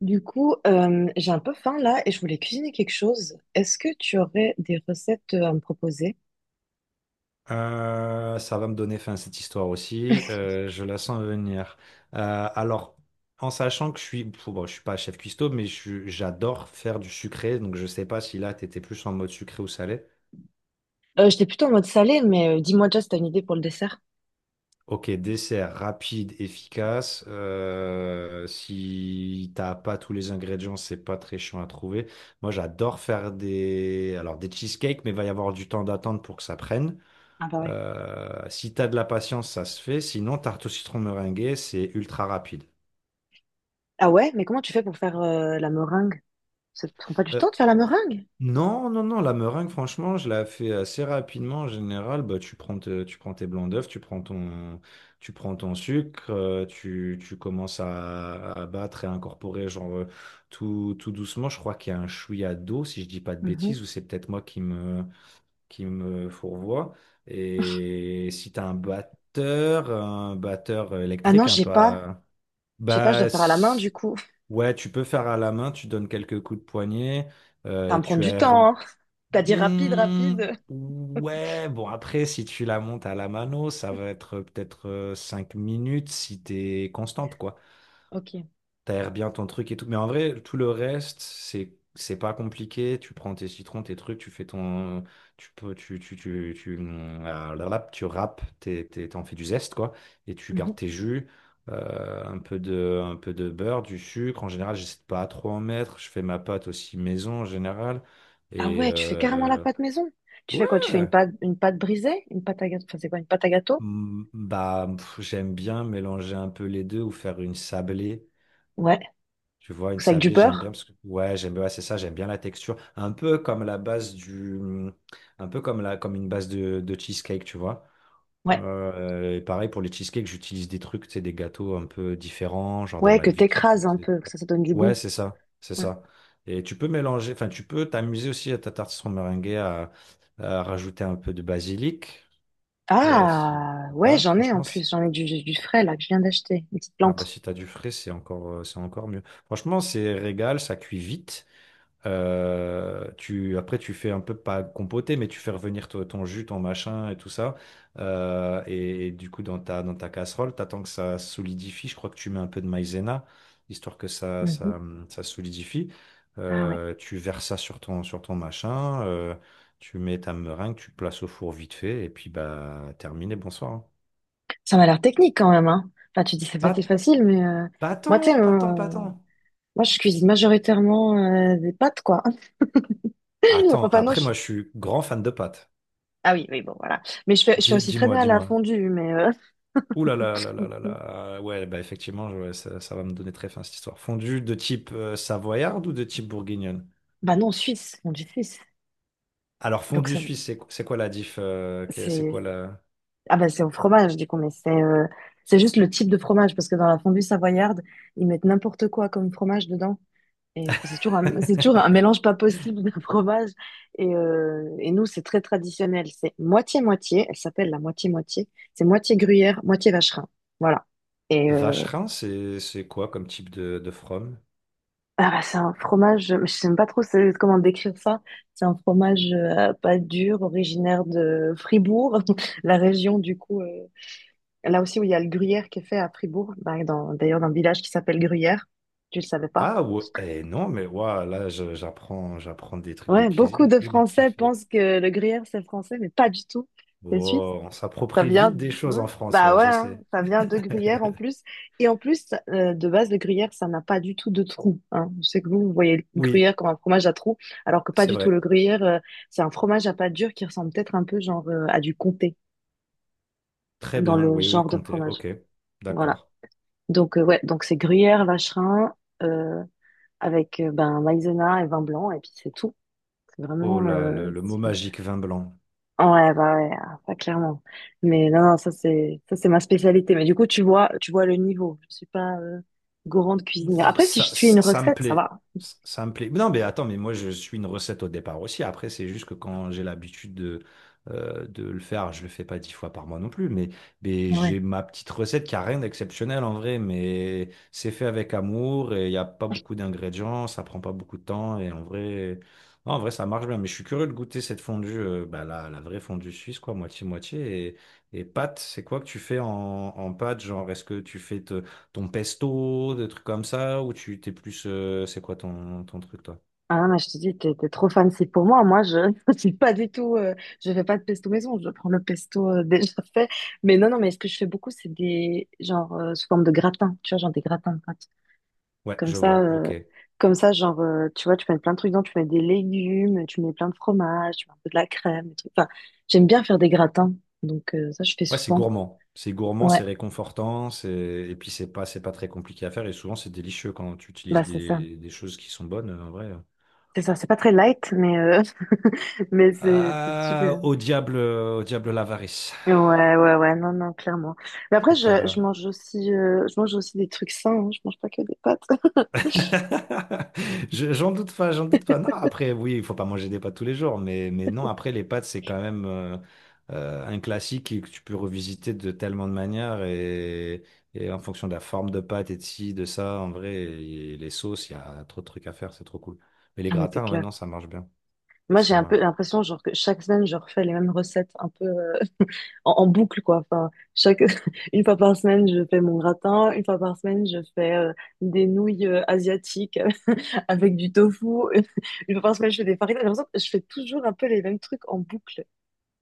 Du coup, j'ai un peu faim là et je voulais cuisiner quelque chose. Est-ce que tu aurais des recettes à me proposer? Ça va me donner fin à cette histoire aussi. Je la sens venir. Alors, en sachant que je suis, pff, bon, je suis pas chef cuistot, mais j'adore faire du sucré. Donc, je sais pas si là, t'étais plus en mode sucré ou salé. J'étais plutôt en mode salé, mais dis-moi déjà si t'as une idée pour le dessert. Ok, dessert rapide, efficace. Si t'as pas tous les ingrédients, c'est pas très chiant à trouver. Moi, j'adore faire des, alors des cheesecakes, mais il va y avoir du temps d'attente pour que ça prenne. Ah bah ouais. Si tu as de la patience, ça se fait. Sinon, tarte au citron meringuée, c'est ultra rapide. Ah ouais, mais comment tu fais pour faire la meringue? Ça te prend pas du Euh, temps de faire la meringue? non, non, non, la meringue, franchement, je la fais assez rapidement. En général, bah, tu prends tes blancs d'œufs, tu prends ton sucre, tu commences à battre et à incorporer genre, tout doucement. Je crois qu'il y a un chouïa d'eau, si je dis pas de Mhm. bêtises, ou c'est peut-être moi qui me fourvoie. Et si tu as un batteur Ah non, électrique, un j'ai peu... pas. à- J'ai pas, je Bah, dois faire à la main du s- coup. ouais, tu peux faire à la main, tu donnes quelques coups de poignet Ça va et me prendre tu du as. temps, hein. T'as dit rapide, Hmm, rapide. ouais, bon, après, si tu la montes à la mano, ça va être peut-être 5 minutes si t'es constante, quoi. Ok. T'aères bien ton truc et tout. Mais en vrai, tout le reste, c'est pas compliqué. Tu prends tes citrons, tes trucs, tu fais ton. Tu peux, tu la râpe, tu râpes, t'en fais du zeste quoi, et tu gardes Mhm. tes jus. Un peu de beurre, du sucre. En général, j'essaie de pas trop en mettre. Je fais ma pâte aussi maison en général. Ah Et ouais, tu fais carrément la pâte maison. Tu ouais. fais quoi? Tu fais une pâte brisée? Une pâte à gâteau. Enfin, c'est quoi? Une pâte à gâteau? Mm, bah pff, j'aime bien mélanger un peu les deux ou faire une sablée. Ouais. Tu vois, une Ou ça avec du sablée, j'aime bien beurre? parce que ouais, j'aime bien, ouais, c'est ça, j'aime bien la texture, un peu comme la base du un peu comme la comme une base de cheesecake, tu vois. Ouais. Et pareil pour les cheesecakes, j'utilise des trucs, tu sais, des gâteaux un peu différents, genre des Ouais, que McVitie's. t'écrases un Des- peu, que ça donne du Ouais, goût. c'est ça, c'est Mm. ça. Et tu peux mélanger, enfin, tu peux t'amuser aussi à ta tartine meringuée, à rajouter un peu de basilic, si Ah, ouais, t'as, j'en ai en franchement, c'est- plus. J'en ai du frais là que je viens d'acheter. Une petite ah bah plante. si t'as du frais, c'est encore mieux. Franchement, c'est régal, ça cuit vite. Tu fais un peu pas compoter, mais tu fais revenir ton jus, ton machin et tout ça. Et du coup, dans ta casserole, t'attends que ça solidifie. Je crois que tu mets un peu de maïzena, histoire que Mhm. Ça solidifie. Ah ouais. Tu verses ça sur sur ton machin. Tu mets ta meringue, tu places au four vite fait. Et puis, bah, terminé, bonsoir. Hein. Ça m'a l'air technique quand même, hein. Enfin, tu dis c'est facile, Pas, facile, mais pas moi, tu sais, tant, pas tant, pas tant. moi, je cuisine majoritairement des pâtes, quoi. Attends, Enfin, non, après, je... moi, je suis grand fan de pâtes. Ah oui, oui, bon, voilà. Mais je fais aussi très Dis-moi, bien la dis-moi. fondue, mais... Ouh là là là là là là. Ouais, bah effectivement, ouais, ça va me donner très faim cette histoire. Fondue de type savoyarde ou de type bourguignonne? Bah non, suisse, fondue suisse. Alors, Donc, fondue ça, suisse, c'est quoi la diff? C'est quoi c'est... la... Ah bah, c'est au fromage, du coup, mais c'est... C'est juste le type de fromage, parce que dans la fondue savoyarde, ils mettent n'importe quoi comme fromage dedans. Et c'est toujours un mélange pas possible de fromage. Et nous, c'est très traditionnel. C'est moitié-moitié. Elle s'appelle la moitié-moitié. C'est moitié gruyère, moitié vacherin. Voilà. Et Vacherin, c'est quoi comme type de from? ah bah, c'est un fromage, je sais même pas trop comment décrire ça. C'est un fromage pas dur, originaire de Fribourg, la région du coup. Là aussi où il y a le gruyère qui est fait à Fribourg, bah, d'ailleurs dans un village qui s'appelle Gruyère. Tu le savais pas? Ah ouais, eh non, mais ouah, là, j'apprends des trucs de Ouais, beaucoup cuisine de et des petits Français faits. pensent que le gruyère c'est français, mais pas du tout. C'est suisse. Oh, on Ça s'approprie vient, vite des choses ouais. en France, Bah ouais, ouais, je hein, sais. ça vient de gruyère en plus. Et en plus, de base, le gruyère, ça n'a pas du tout de trou. Hein. Je sais que vous, vous voyez le Oui, gruyère comme un fromage à trou, alors que pas c'est du tout. vrai. Le gruyère, c'est un fromage à pâte dure qui ressemble peut-être un peu genre à du comté Très dans bien, le oui, oui, genre de comptez. fromage. Ok, Voilà. d'accord. Donc ouais, donc c'est gruyère, vacherin euh, avec ben maïzena et vin blanc et puis c'est tout. C'est Oh vraiment là, le mot magique, vin blanc. Ouais, bah ouais, ah, ça clairement. Mais non, non, ça c'est ma spécialité. Mais du coup, tu vois le niveau. Je suis pas grande cuisinière. Après, si je suis une Ça me recette, ça plaît. va. Ça me plaît. Non, mais attends, mais moi, je suis une recette au départ aussi. Après, c'est juste que quand j'ai l'habitude de le faire, je le fais pas 10 fois par mois non plus. Mais Ouais. j'ai ma petite recette qui a rien d'exceptionnel en vrai, mais c'est fait avec amour et il n'y a pas beaucoup d'ingrédients, ça prend pas beaucoup de temps. Et en vrai, non, en vrai, ça marche bien. Mais je suis curieux de goûter cette fondue, bah, la vraie fondue suisse, quoi, moitié-moitié. Et pâte, c'est quoi que tu fais en pâte? Genre, est-ce que tu fais. Ton pesto, des trucs comme ça, ou tu t'es plus. C'est quoi ton truc, toi? Ah non, mais je te dis, t'es trop fancy pour moi. Moi, je je suis pas du tout. Je fais pas de pesto maison. Je prends le pesto déjà fait. Mais non, non, mais ce que je fais beaucoup, c'est des genre sous forme de gratin. Tu vois, genre des gratins. Ouais, Comme je ça, vois, euh, ok. comme ça, genre, tu vois, tu mets plein de trucs dedans, tu mets des légumes, tu mets plein de fromage, tu mets un peu de la crème, des trucs. Enfin, j'aime bien faire des gratins, donc ça, je fais Ouais, c'est souvent. gourmand. C'est gourmand, c'est Ouais, réconfortant, c'est... et puis c'est pas très compliqué à faire, et souvent c'est délicieux quand tu utilises bah c'est ça. Des choses qui sont bonnes, en vrai. C'est ça, c'est pas très light, mais, mais c'est Ah, super. Au diable l'avarice. Ouais, ouais, ouais, non, non, clairement. Mais C'est après, pas je grave. mange aussi, je mange aussi des trucs sains, hein, je mange pas que des pâtes. J'en doute pas, j'en doute pas. Non, après, oui, il faut pas manger des pâtes tous les jours, mais non, après, les pâtes, c'est quand même un classique que tu peux revisiter de tellement de manières et en fonction de la forme de pâte et de ci, de ça, en vrai, et les sauces, il y a trop de trucs à faire, c'est trop cool. Mais les Ah, mais c'est gratins, ouais, clair. non, ça marche bien. Moi, j'ai Ça un peu marche. l'impression, genre, que chaque semaine, je refais les mêmes recettes, un peu. En boucle, quoi. Enfin, chaque, une fois par semaine, je fais mon gratin. Une fois par semaine, je fais des nouilles asiatiques avec du tofu. Une fois par semaine, je fais des faritas. J'ai l'impression que je fais toujours un peu les mêmes trucs en boucle.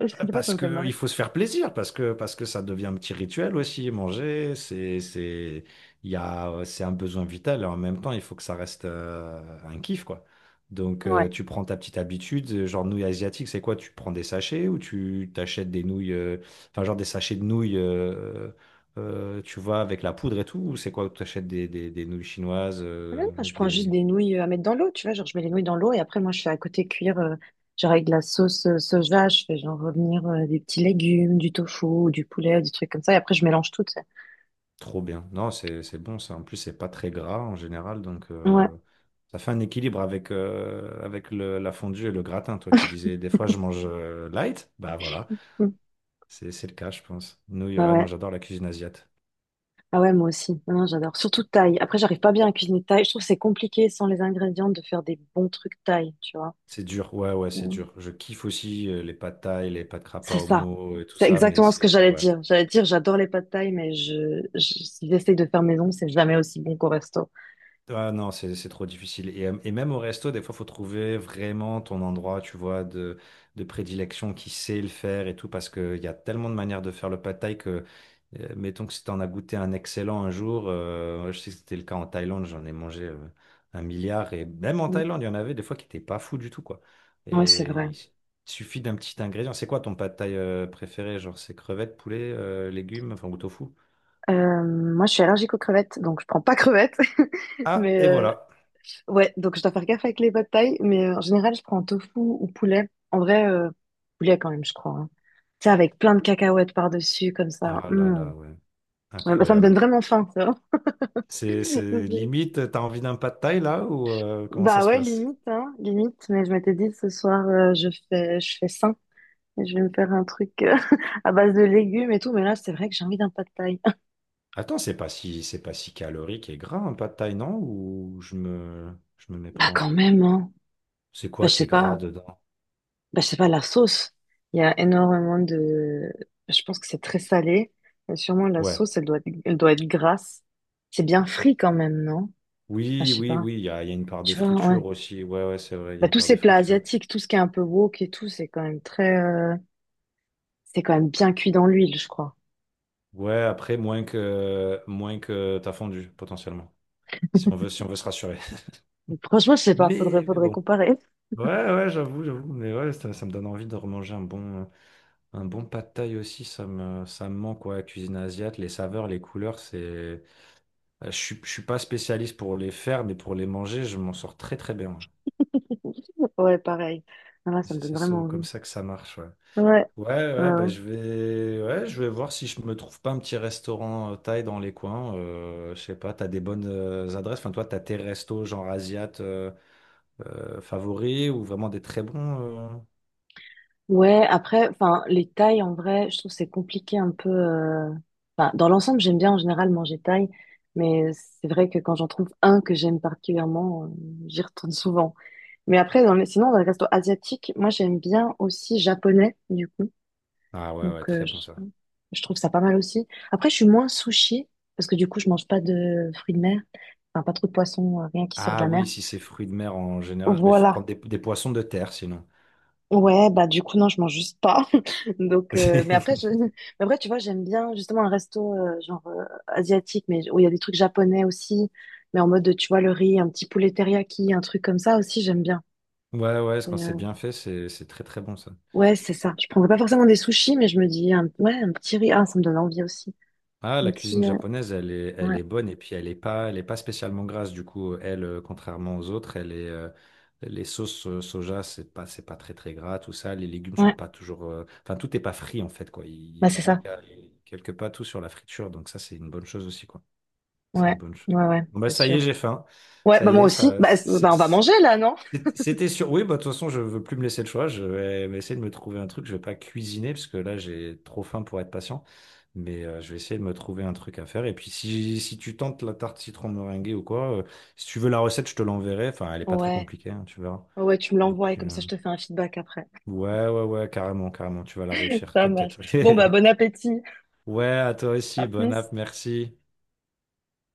Je sais pas, ça Parce me fait que marrer. il faut se faire plaisir, parce que ça devient un petit rituel aussi. Manger, c'est il y a c'est un besoin vital et en même temps il faut que ça reste un kiff quoi. Donc Ouais. tu prends ta petite habitude, genre nouilles asiatiques, c'est quoi? Tu prends des sachets ou tu t'achètes des nouilles, enfin genre des sachets de nouilles, tu vois avec la poudre et tout, ou c'est quoi? Tu achètes des nouilles chinoises, Même quand je prends juste des des nouilles à mettre dans l'eau, tu vois, genre je mets les nouilles dans l'eau et après moi je fais à côté cuire, genre avec de la sauce soja, je fais genre revenir des petits légumes, du tofu, du poulet, des trucs comme ça et après je mélange tout, tu sais. Trop bien. Non, c'est bon ça. En plus, c'est pas très gras en général, donc Ouais. Ça fait un équilibre avec avec la fondue et le gratin. Toi qui disais des fois je mange light, bah voilà, Mm. c'est le cas, je pense. Nous, Bah ouais, non, ouais. j'adore la cuisine asiate. Ah ouais, moi aussi. Non, non, j'adore. Surtout thaï. Après, j'arrive pas bien à cuisiner thaï. Je trouve que c'est compliqué sans les ingrédients de faire des bons trucs thaï, tu vois. C'est dur. Ouais, ouais, c'est Mm. dur. Je kiffe aussi les pâtes thaï, les pâtes krapa C'est au ça. mot et tout C'est ça, mais exactement ce que c'est j'allais ouais. dire. J'allais dire, j'adore les pâtes thaï, mais si j'essaye de faire maison, c'est jamais aussi bon qu'au resto. Ah non, c'est trop difficile. Et même au resto, des fois, faut trouver vraiment ton endroit, tu vois, de prédilection qui sait le faire et tout, parce qu'il y a tellement de manières de faire le pad thai que, mettons que si t'en as goûté un excellent un jour, je sais que c'était le cas en Thaïlande, j'en ai mangé un milliard, et même en Mm. Thaïlande, il y en avait des fois qui étaient pas fous du tout, quoi. Ouais, c'est Et vrai. il suffit d'un petit ingrédient. C'est quoi ton pad thai préféré? Genre, c'est crevettes, poulet, légumes, enfin, ou tofu? Euh, Moi, je suis allergique aux crevettes, donc je prends pas crevettes. Ah, Mais et voilà. ouais, donc je dois faire gaffe avec les pad thaï, mais en général, je prends tofu ou poulet. En vrai, poulet quand même, je crois. Hein. Tu sais, avec plein de cacahuètes par-dessus, comme ça. Ah là Mm. là, ouais, Ouais, bah, ça me donne incroyable. vraiment faim, ça. C'est c'est limite, t'as envie d'un pas de taille là ou comment ça Bah se ouais, passe? limite, hein, limite. Mais je m'étais dit, ce soir, je fais sain. Et je vais me faire un truc à base de légumes et tout. Mais là, c'est vrai que j'ai envie d'un pad thaï. Attends, c'est pas si calorique et gras un pas de taille, non? Ou je me Bah méprends? quand même, hein. C'est Bah, quoi je qui sais est gras pas. dedans? Bah, je sais pas, la sauce. Il y a énormément de... Je pense que c'est très salé. Et sûrement, la Ouais. sauce, elle doit être grasse. C'est bien frit quand même, non? Bah, je Oui, sais oui, pas. oui, il y a une part de Tu vois, ouais. friture aussi. Ouais, ouais, c'est vrai, il y a Bah, une tous part de ces plats friture. asiatiques, tout ce qui est un peu wok et tout, c'est quand même très... c'est quand même bien cuit dans l'huile, je crois. Ouais, après, moins que t'as fondu, potentiellement. Si on veut se rassurer. Donc, franchement, je sais pas, faudrait, mais faudrait bon. comparer. Ouais, ouais, j'avoue, j'avoue. Mais ouais, ça me donne envie de remanger un bon. Un bon pad thaï aussi, ça me manque, ouais, la cuisine asiate, les saveurs, les couleurs, c'est... je suis pas spécialiste pour les faire, mais pour les manger, je m'en sors très très bien. Ouais. Ouais, pareil. Ah, là, ça me C'est donne c'est vraiment souvent comme envie. ça que ça marche, ouais. Ouais, ouais, Ouais, ouais, ouais. bah, je vais voir si je me trouve pas un petit restaurant thaï dans les coins. Je sais pas, t'as des bonnes adresses. Enfin, toi, t'as tes restos genre asiates favoris ou vraiment des très bons. Ouais, après, enfin, les tailles, en vrai, je trouve que c'est compliqué un peu. Enfin, dans l'ensemble, j'aime bien en général manger taille, mais c'est vrai que quand j'en trouve un que j'aime particulièrement, j'y retourne souvent. Mais après, dans les... sinon, dans les restos asiatiques, moi, j'aime bien aussi japonais, du coup. Ah ouais, Donc, ouais, très bon ça. je trouve ça pas mal aussi. Après, je suis moins sushi, parce que du coup, je mange pas de fruits de mer, enfin, pas trop de poissons, rien qui sort de Ah la mer. oui, si c'est fruits de mer en général, bah, il faut Voilà. prendre des poissons de terre sinon. Ouais, bah du coup, non, je mange juste pas. Donc, mais après, je... mais après, tu vois, j'aime bien justement un resto genre asiatique, mais où il y a des trucs japonais aussi, mais en mode, tu vois, le riz, un petit poulet teriyaki, un truc comme ça aussi, j'aime bien. Ouais, ouais, quand Et, c'est bien fait, c'est très très bon ça. ouais, c'est ça. Je prendrais pas forcément des sushis, mais je me dis, un... ouais, un petit riz, ah, ça me donne envie aussi. Ah, la Un cuisine petit, japonaise, elle ouais, est bonne et puis elle est pas spécialement grasse du coup. Elle, contrairement aux autres, les sauces soja, c'est pas très très gras, tout ça. Les légumes sont ouais, pas toujours, enfin tout est pas frit en fait quoi. Bah c'est ça. Il y a quelque part tout sur la friture, donc ça c'est une bonne chose aussi quoi. C'est Ouais, une bonne chose. ouais, ouais, Bon bah c'est ça y sûr. est, j'ai faim. Ouais, Ça bah y moi est, aussi, ça, bah, c'est- c'est- bah, on va manger là, non? C'était sûr. Oui, bah, de toute façon, je veux plus me laisser le choix. Je vais essayer de me trouver un truc. Je vais pas cuisiner parce que là, j'ai trop faim pour être patient. Mais je vais essayer de me trouver un truc à faire. Et puis, si tu tentes la tarte citron meringuée ou quoi, si tu veux la recette, je te l'enverrai. Enfin, elle est pas très Ouais, compliquée, hein, tu verras. ouais, tu me Et l'envoies et puis, euh, comme ça, je te fais un feedback après. ouais, ouais, ouais, carrément, carrément. Tu vas la réussir, Ça marche. t'inquiète. Bon, bah bon appétit. Ouais, à toi aussi. À Bonne plus. app, merci.